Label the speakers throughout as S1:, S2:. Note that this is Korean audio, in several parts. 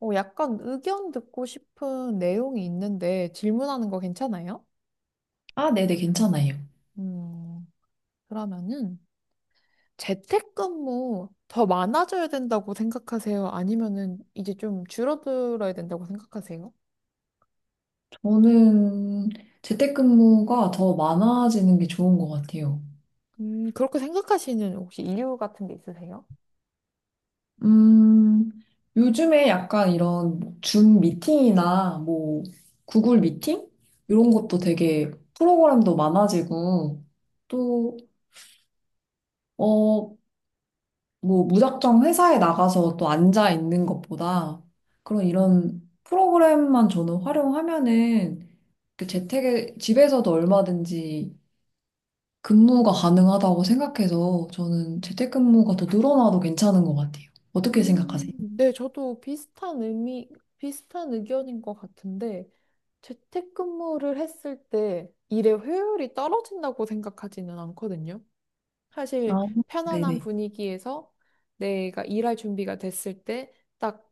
S1: 약간 의견 듣고 싶은 내용이 있는데 질문하는 거 괜찮아요?
S2: 아, 네네, 괜찮아요.
S1: 음, 그러면은 재택근무 더 많아져야 된다고 생각하세요? 아니면은 이제 좀 줄어들어야 된다고 생각하세요?
S2: 저는 재택근무가 더 많아지는 게 좋은 것 같아요.
S1: 그렇게 생각하시는 혹시 이유 같은 게 있으세요?
S2: 음, 요즘에 약간 이런 뭐줌 미팅이나 뭐 구글 미팅? 이런 것도 되게 프로그램도 많아지고 또, 어, 뭐 무작정 회사에 나가서 또 앉아 있는 것보다 그런 이런 프로그램만 저는 활용하면은 그 재택에 집에서도 얼마든지 근무가 가능하다고 생각해서 저는 재택근무가 더 늘어나도 괜찮은 것 같아요. 어떻게
S1: 음,
S2: 생각하세요?
S1: 네, 저도 비슷한 의견인 것 같은데 재택근무를 했을 때 일의 효율이 떨어진다고 생각하지는 않거든요. 사실
S2: 아,
S1: 편안한
S2: 네네.
S1: 분위기에서 내가 일할 준비가 됐을 때 딱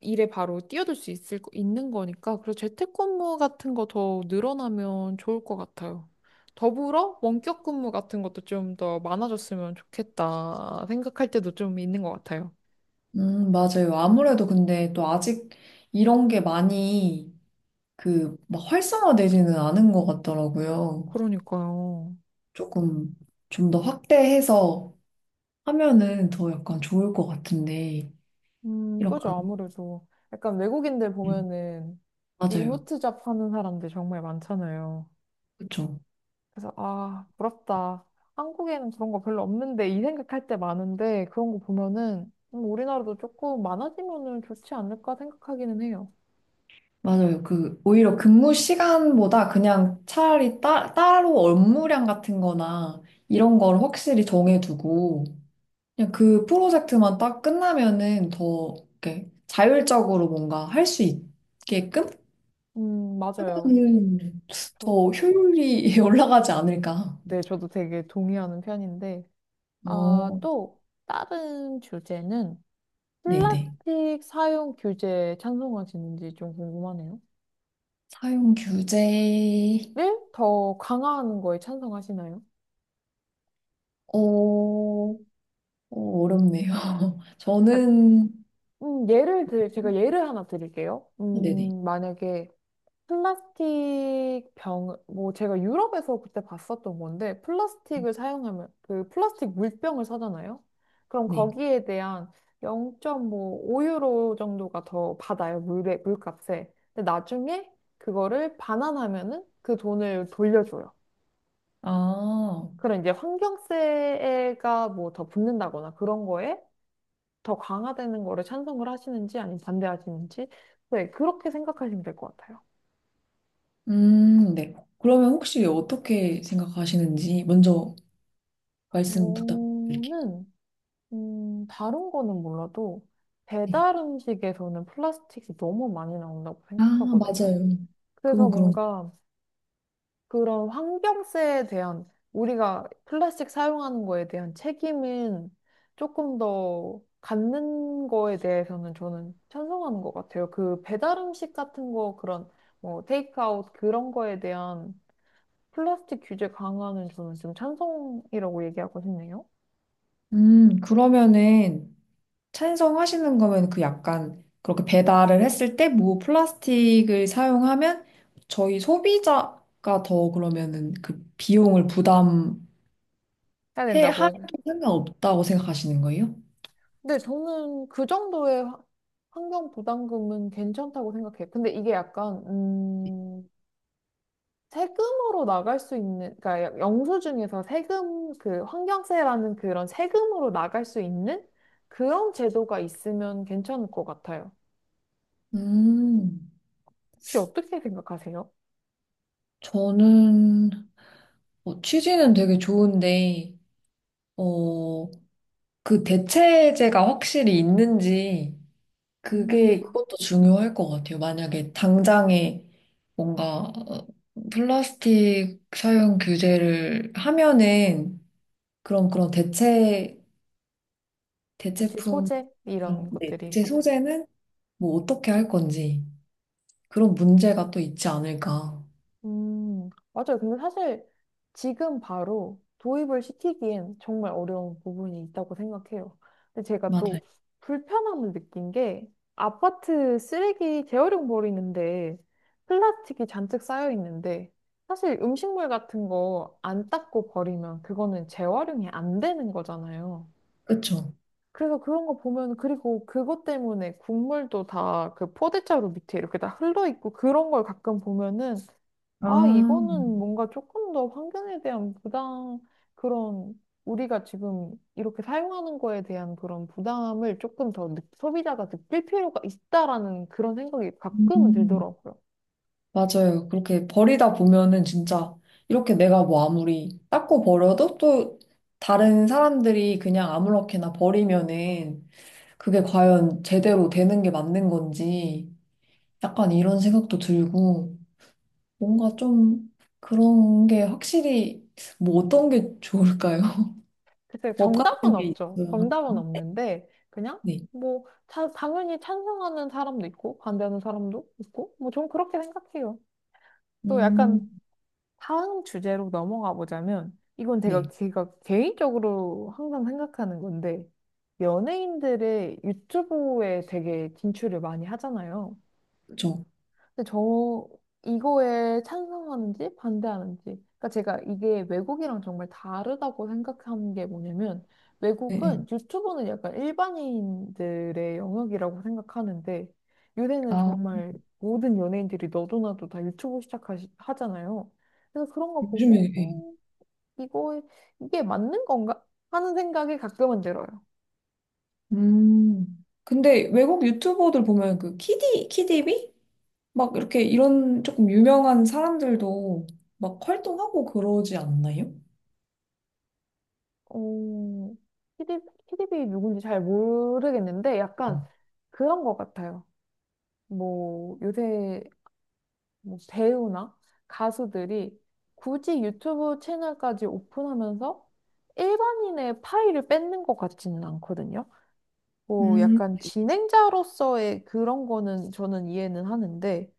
S1: 일에 바로 뛰어들 수 있는 거니까 그래서 재택근무 같은 거 더 늘어나면 좋을 것 같아요. 더불어 원격 근무 같은 것도 좀 더 많아졌으면 좋겠다 생각할 때도 좀 있는 것 같아요.
S2: 맞아요. 아무래도 근데 또 아직 이런 게 많이 그 막 활성화되지는 않은 것 같더라고요.
S1: 그러니까요.
S2: 조금 좀 더 확대해서 하면은 더 약간 좋을 것 같은데, 이렇게,
S1: 그죠.
S2: 안-
S1: 아무래도 약간 외국인들
S2: 음,
S1: 보면은
S2: 맞아요.
S1: 리모트 잡 하는 사람들 정말 많잖아요.
S2: 그쵸.
S1: 그래서 아, 부럽다. 한국에는 그런 거 별로 없는데 이 생각할 때 많은데 그런 거 보면은 우리나라도 조금 많아지면은 좋지 않을까 생각하기는 해요.
S2: 맞아요. 그, 오히려 근무 시간보다 그냥 차라리 따, 따로 업무량 같은 거나 이런 걸 확실히 정해두고 그냥 그 프로젝트만 딱 끝나면은 더 이렇게 자율적으로 뭔가 할 수 있게끔
S1: 맞아요.
S2: 하면은
S1: 저,
S2: 더 효율이 올라가지 않을까.
S1: 네, 저도 되게 동의하는 편인데 아,
S2: 어,
S1: 또 다른 주제는
S2: 네네.
S1: 플라스틱 사용 규제 찬성하시는지 좀 궁금하네요.
S2: 사용 규제,
S1: 네? 더 강화하는 거에 찬성하시나요?
S2: 어, 어, 어렵네요.
S1: 약-
S2: 저는,
S1: 제가 예를 하나 드릴게요.
S2: 네네. 네.
S1: 만약에 플라스틱 병, 뭐 제가 유럽에서 그때 봤었던 건데, 플라스틱을 사용하면, 그 플라스틱 물병을 사잖아요? 그럼
S2: 네.
S1: 거기에 대한 0.5유로 정도가 더 받아요, 물에, 물값에. 근데 나중에 그거를 반환하면은 그 돈을 돌려줘요.
S2: 아.
S1: 그런 이제 환경세가 뭐 더 붙는다거나 그런 거에 더 강화되는 거를 찬성을 하시는지 아니면 반대하시는지. 네, 그렇게 생각하시면 될 것 같아요.
S2: 네. 그러면 혹시 어떻게 생각하시는지 먼저 말씀 부탁드릴게요.
S1: 저는 다른 거는 몰라도
S2: 네.
S1: 배달 음식에서는 플라스틱이 너무 많이 나온다고
S2: 아,
S1: 생각하거든요.
S2: 맞아요.
S1: 그래서
S2: 그건 그런.
S1: 뭔가 그런 환경세에 대한 우리가 플라스틱 사용하는 거에 대한 책임은 조금 더 갖는 거에 대해서는 저는 찬성하는 것 같아요. 그 배달 음식 같은 거 그런 뭐 테이크아웃 그런 거에 대한 플라스틱 규제 강화는 저는 지금 찬성이라고 얘기하고 싶네요.
S2: 그러면은 찬성하시는 거면 그 약간 그렇게 배달을 했을 때 뭐 플라스틱을 사용하면 저희 소비자가 더 그러면은 그 비용을 부담해
S1: 해야
S2: 할
S1: 된다고.
S2: 상관없다고 생각하시는 거예요?
S1: 근데 저는 그 정도의 환경 부담금은 괜찮다고 생각해요. 근데 이게 약간, 세금으로 나갈 수 있는, 그러니까 영수증에서 세금, 그 환경세라는 그런 세금으로 나갈 수 있는 그런 제도가 있으면 괜찮을 것 같아요.
S2: 음,
S1: 혹시 어떻게 생각하세요?
S2: 저는 취지는 되게 좋은데, 어 그 대체제가 확실히 있는지
S1: 음,
S2: 그게 그것도 중요할 것 같아요. 만약에 당장에 뭔가 플라스틱 사용 규제를 하면은 그런 대체
S1: 대체
S2: 대체품
S1: 소재?
S2: 그런-
S1: 이런
S2: 네,
S1: 것들이.
S2: 대체 소재는 뭐 어떻게 할 건지 그런 문제가 또 있지 않을까.
S1: 맞아요. 근데 사실 지금 바로 도입을 시키기엔 정말 어려운 부분이 있다고 생각해요. 근데 제가
S2: 맞아요.
S1: 또 불편함을 느낀 게 아파트 쓰레기 재활용 버리는데 플라스틱이 잔뜩 쌓여 있는데 사실 음식물 같은 거 안 닦고 버리면 그거는 재활용이 안 되는 거잖아요.
S2: 그쵸?
S1: 그래서 그런 거 보면 그리고 그것 때문에 국물도 다 그 포대자루 밑에 이렇게 다 흘러 있고 그런 걸 가끔 보면은
S2: 아,
S1: 아, 이거는 뭔가 조금 더 환경에 대한 부담, 그런, 우리가 지금 이렇게 사용하는 거에 대한 그런 부담을 조금 더 소비자가 느낄 필요가 있다라는 그런 생각이 가끔은
S2: 음.
S1: 들더라고요.
S2: 맞아요. 그렇게 버리다 보면은 진짜 이렇게 내가 뭐 아무리 닦고 버려도 또 다른 사람들이 그냥 아무렇게나 버리면은 그게 과연 제대로 되는 게 맞는 건지 약간 이런 생각도 들고 뭔가 좀 그런 게 확실히 뭐 어떤 게 좋을까요?
S1: 글쎄,
S2: 법
S1: 정답은
S2: 같은 게
S1: 없죠.
S2: 있어요.
S1: 정답은 없는데, 그냥,
S2: 네.
S1: 뭐, 당연히 찬성하는 사람도 있고, 반대하는 사람도 있고, 뭐, 전 그렇게 생각해요. 또
S2: 음,
S1: 약간 다음 주제로 넘어가 보자면, 이건
S2: 네.
S1: 제가 개인적으로 항상 생각하는 건데, 연예인들의 유튜브에 되게 진출을 많이 하잖아요.
S2: 그쵸.
S1: 근데 저 이거에 찬성하는지 반대하는지. 그러니까 제가 이게 외국이랑 정말 다르다고 생각한 게 뭐냐면
S2: 네. 네.
S1: 외국은 유튜브는 약간 일반인들의 영역이라고 생각하는데 요새는
S2: 아,
S1: 정말 모든 연예인들이 너도나도 다 유튜브 시작하잖아요. 그래서 그런 거
S2: 요즘에,
S1: 보고
S2: 네.
S1: 이거 이게 맞는 건가 하는 생각이 가끔은 들어요.
S2: 음. 근데 외국 유튜버들 보면 그 키디, 키디비? 막 이렇게 이런 조금 유명한 사람들도 막 활동하고 그러지 않나요?
S1: 어, 키디, 키디비 누군지 잘 모르겠는데 약간 그런 것 같아요. 뭐 요새 뭐 배우나 가수들이 굳이 유튜브 채널까지 오픈하면서 일반인의 파일을 뺏는 것 같지는 않거든요. 뭐
S2: 음,
S1: 약간 진행자로서의 그런 거는 저는 이해는 하는데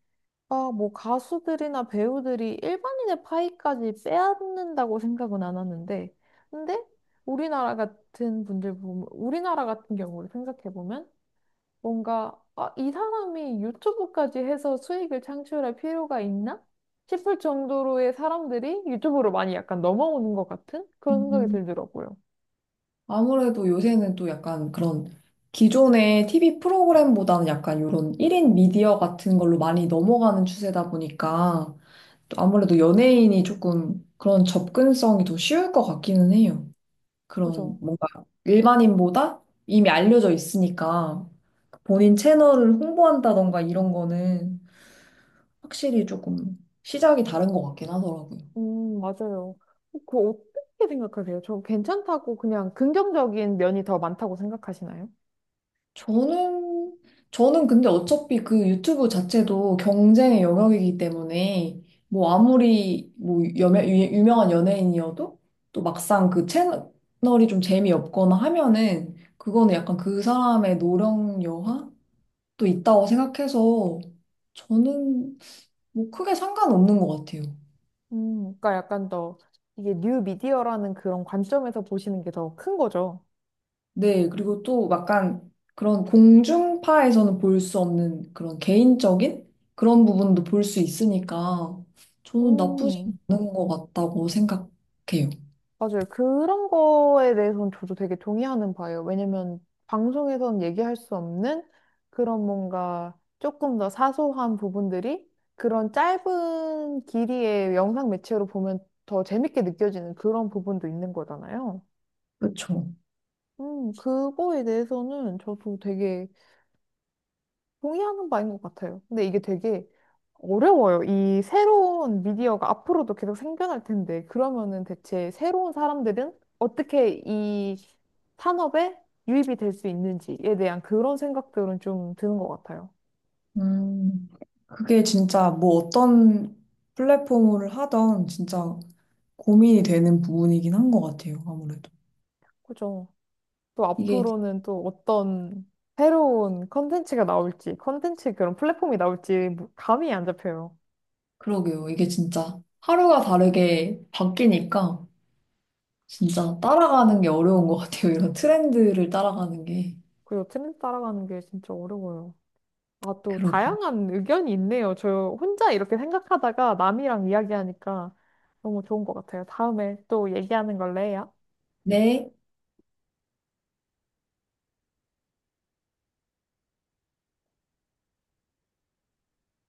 S1: 아, 뭐 가수들이나 배우들이 일반인의 파일까지 빼앗는다고 생각은 안 하는데 근데 우리나라 같은 분들 보면 우리나라 같은 경우를 생각해 보면 뭔가 아, 이 사람이 유튜브까지 해서 수익을 창출할 필요가 있나? 싶을 정도로의 사람들이 유튜브로 많이 약간 넘어오는 것 같은 그런 생각이
S2: 음.
S1: 들더라고요.
S2: 아무래도 요새는 또 약간 그런 기존의 TV 프로그램보다는 약간 이런 1인 미디어 같은 걸로 많이 넘어가는 추세다 보니까 또 아무래도 연예인이 조금 그런 접근성이 더 쉬울 것 같기는 해요. 그런
S1: 그죠?
S2: 뭔가 일반인보다 이미 알려져 있으니까 본인 채널을 홍보한다던가 이런 거는 확실히 조금 시작이 다른 것 같긴 하더라고요.
S1: 맞아요. 그거 어떻게 생각하세요? 저 괜찮다고 그냥 긍정적인 면이 더 많다고 생각하시나요?
S2: 저는, 저는 근데 어차피 그 유튜브 자체도 경쟁의 영역이기 때문에 뭐 아무리 뭐 여매, 유- 유명한 연예인이어도 또 막상 그 채널이 좀 재미없거나 하면은 그거는 약간 그 사람의 노령 여하도 있다고 생각해서 저는 뭐 크게 상관없는 것 같아요.
S1: 그러니까 약간 더 이게 뉴 미디어라는 그런 관점에서 보시는 게 더 큰 거죠.
S2: 네, 그리고 또 약간 그런 공중파에서는 볼 수 없는 그런 개인적인 그런 부분도 볼 수 있으니까 저는 나쁘지
S1: 음.
S2: 않은 것 같다고 생각해요.
S1: 맞아요. 그런 거에 대해서는 저도 되게 동의하는 바예요. 왜냐면 방송에선 얘기할 수 없는 그런 뭔가 조금 더 사소한 부분들이 그런 짧은 길이의 영상 매체로 보면 더 재밌게 느껴지는 그런 부분도 있는 거잖아요.
S2: 그렇죠.
S1: 그거에 대해서는 저도 되게 동의하는 바인 것 같아요. 근데 이게 되게 어려워요. 이 새로운 미디어가 앞으로도 계속 생겨날 텐데, 그러면은 대체 새로운 사람들은 어떻게 이 산업에 유입이 될 수 있는지에 대한 그런 생각들은 좀 드는 것 같아요.
S2: 음, 그게 진짜 뭐 어떤 플랫폼을 하던 진짜 고민이 되는 부분이긴 한 것 같아요, 아무래도.
S1: 그죠? 또
S2: 이게,
S1: 앞으로는 또 어떤 새로운 컨텐츠가 나올지, 컨텐츠 그런 플랫폼이 나올지 감이 안 잡혀요.
S2: 그러게요. 이게 진짜 하루가 다르게 바뀌니까 진짜 따라가는 게 어려운 것 같아요. 이런 트렌드를 따라가는 게.
S1: 그리고 트렌드 따라가는 게 진짜 어려워요. 아, 또
S2: 그러게요.
S1: 다양한 의견이 있네요. 저 혼자 이렇게 생각하다가 남이랑 이야기하니까 너무 좋은 것 같아요. 다음에 또 얘기하는 걸로 해요.
S2: 네.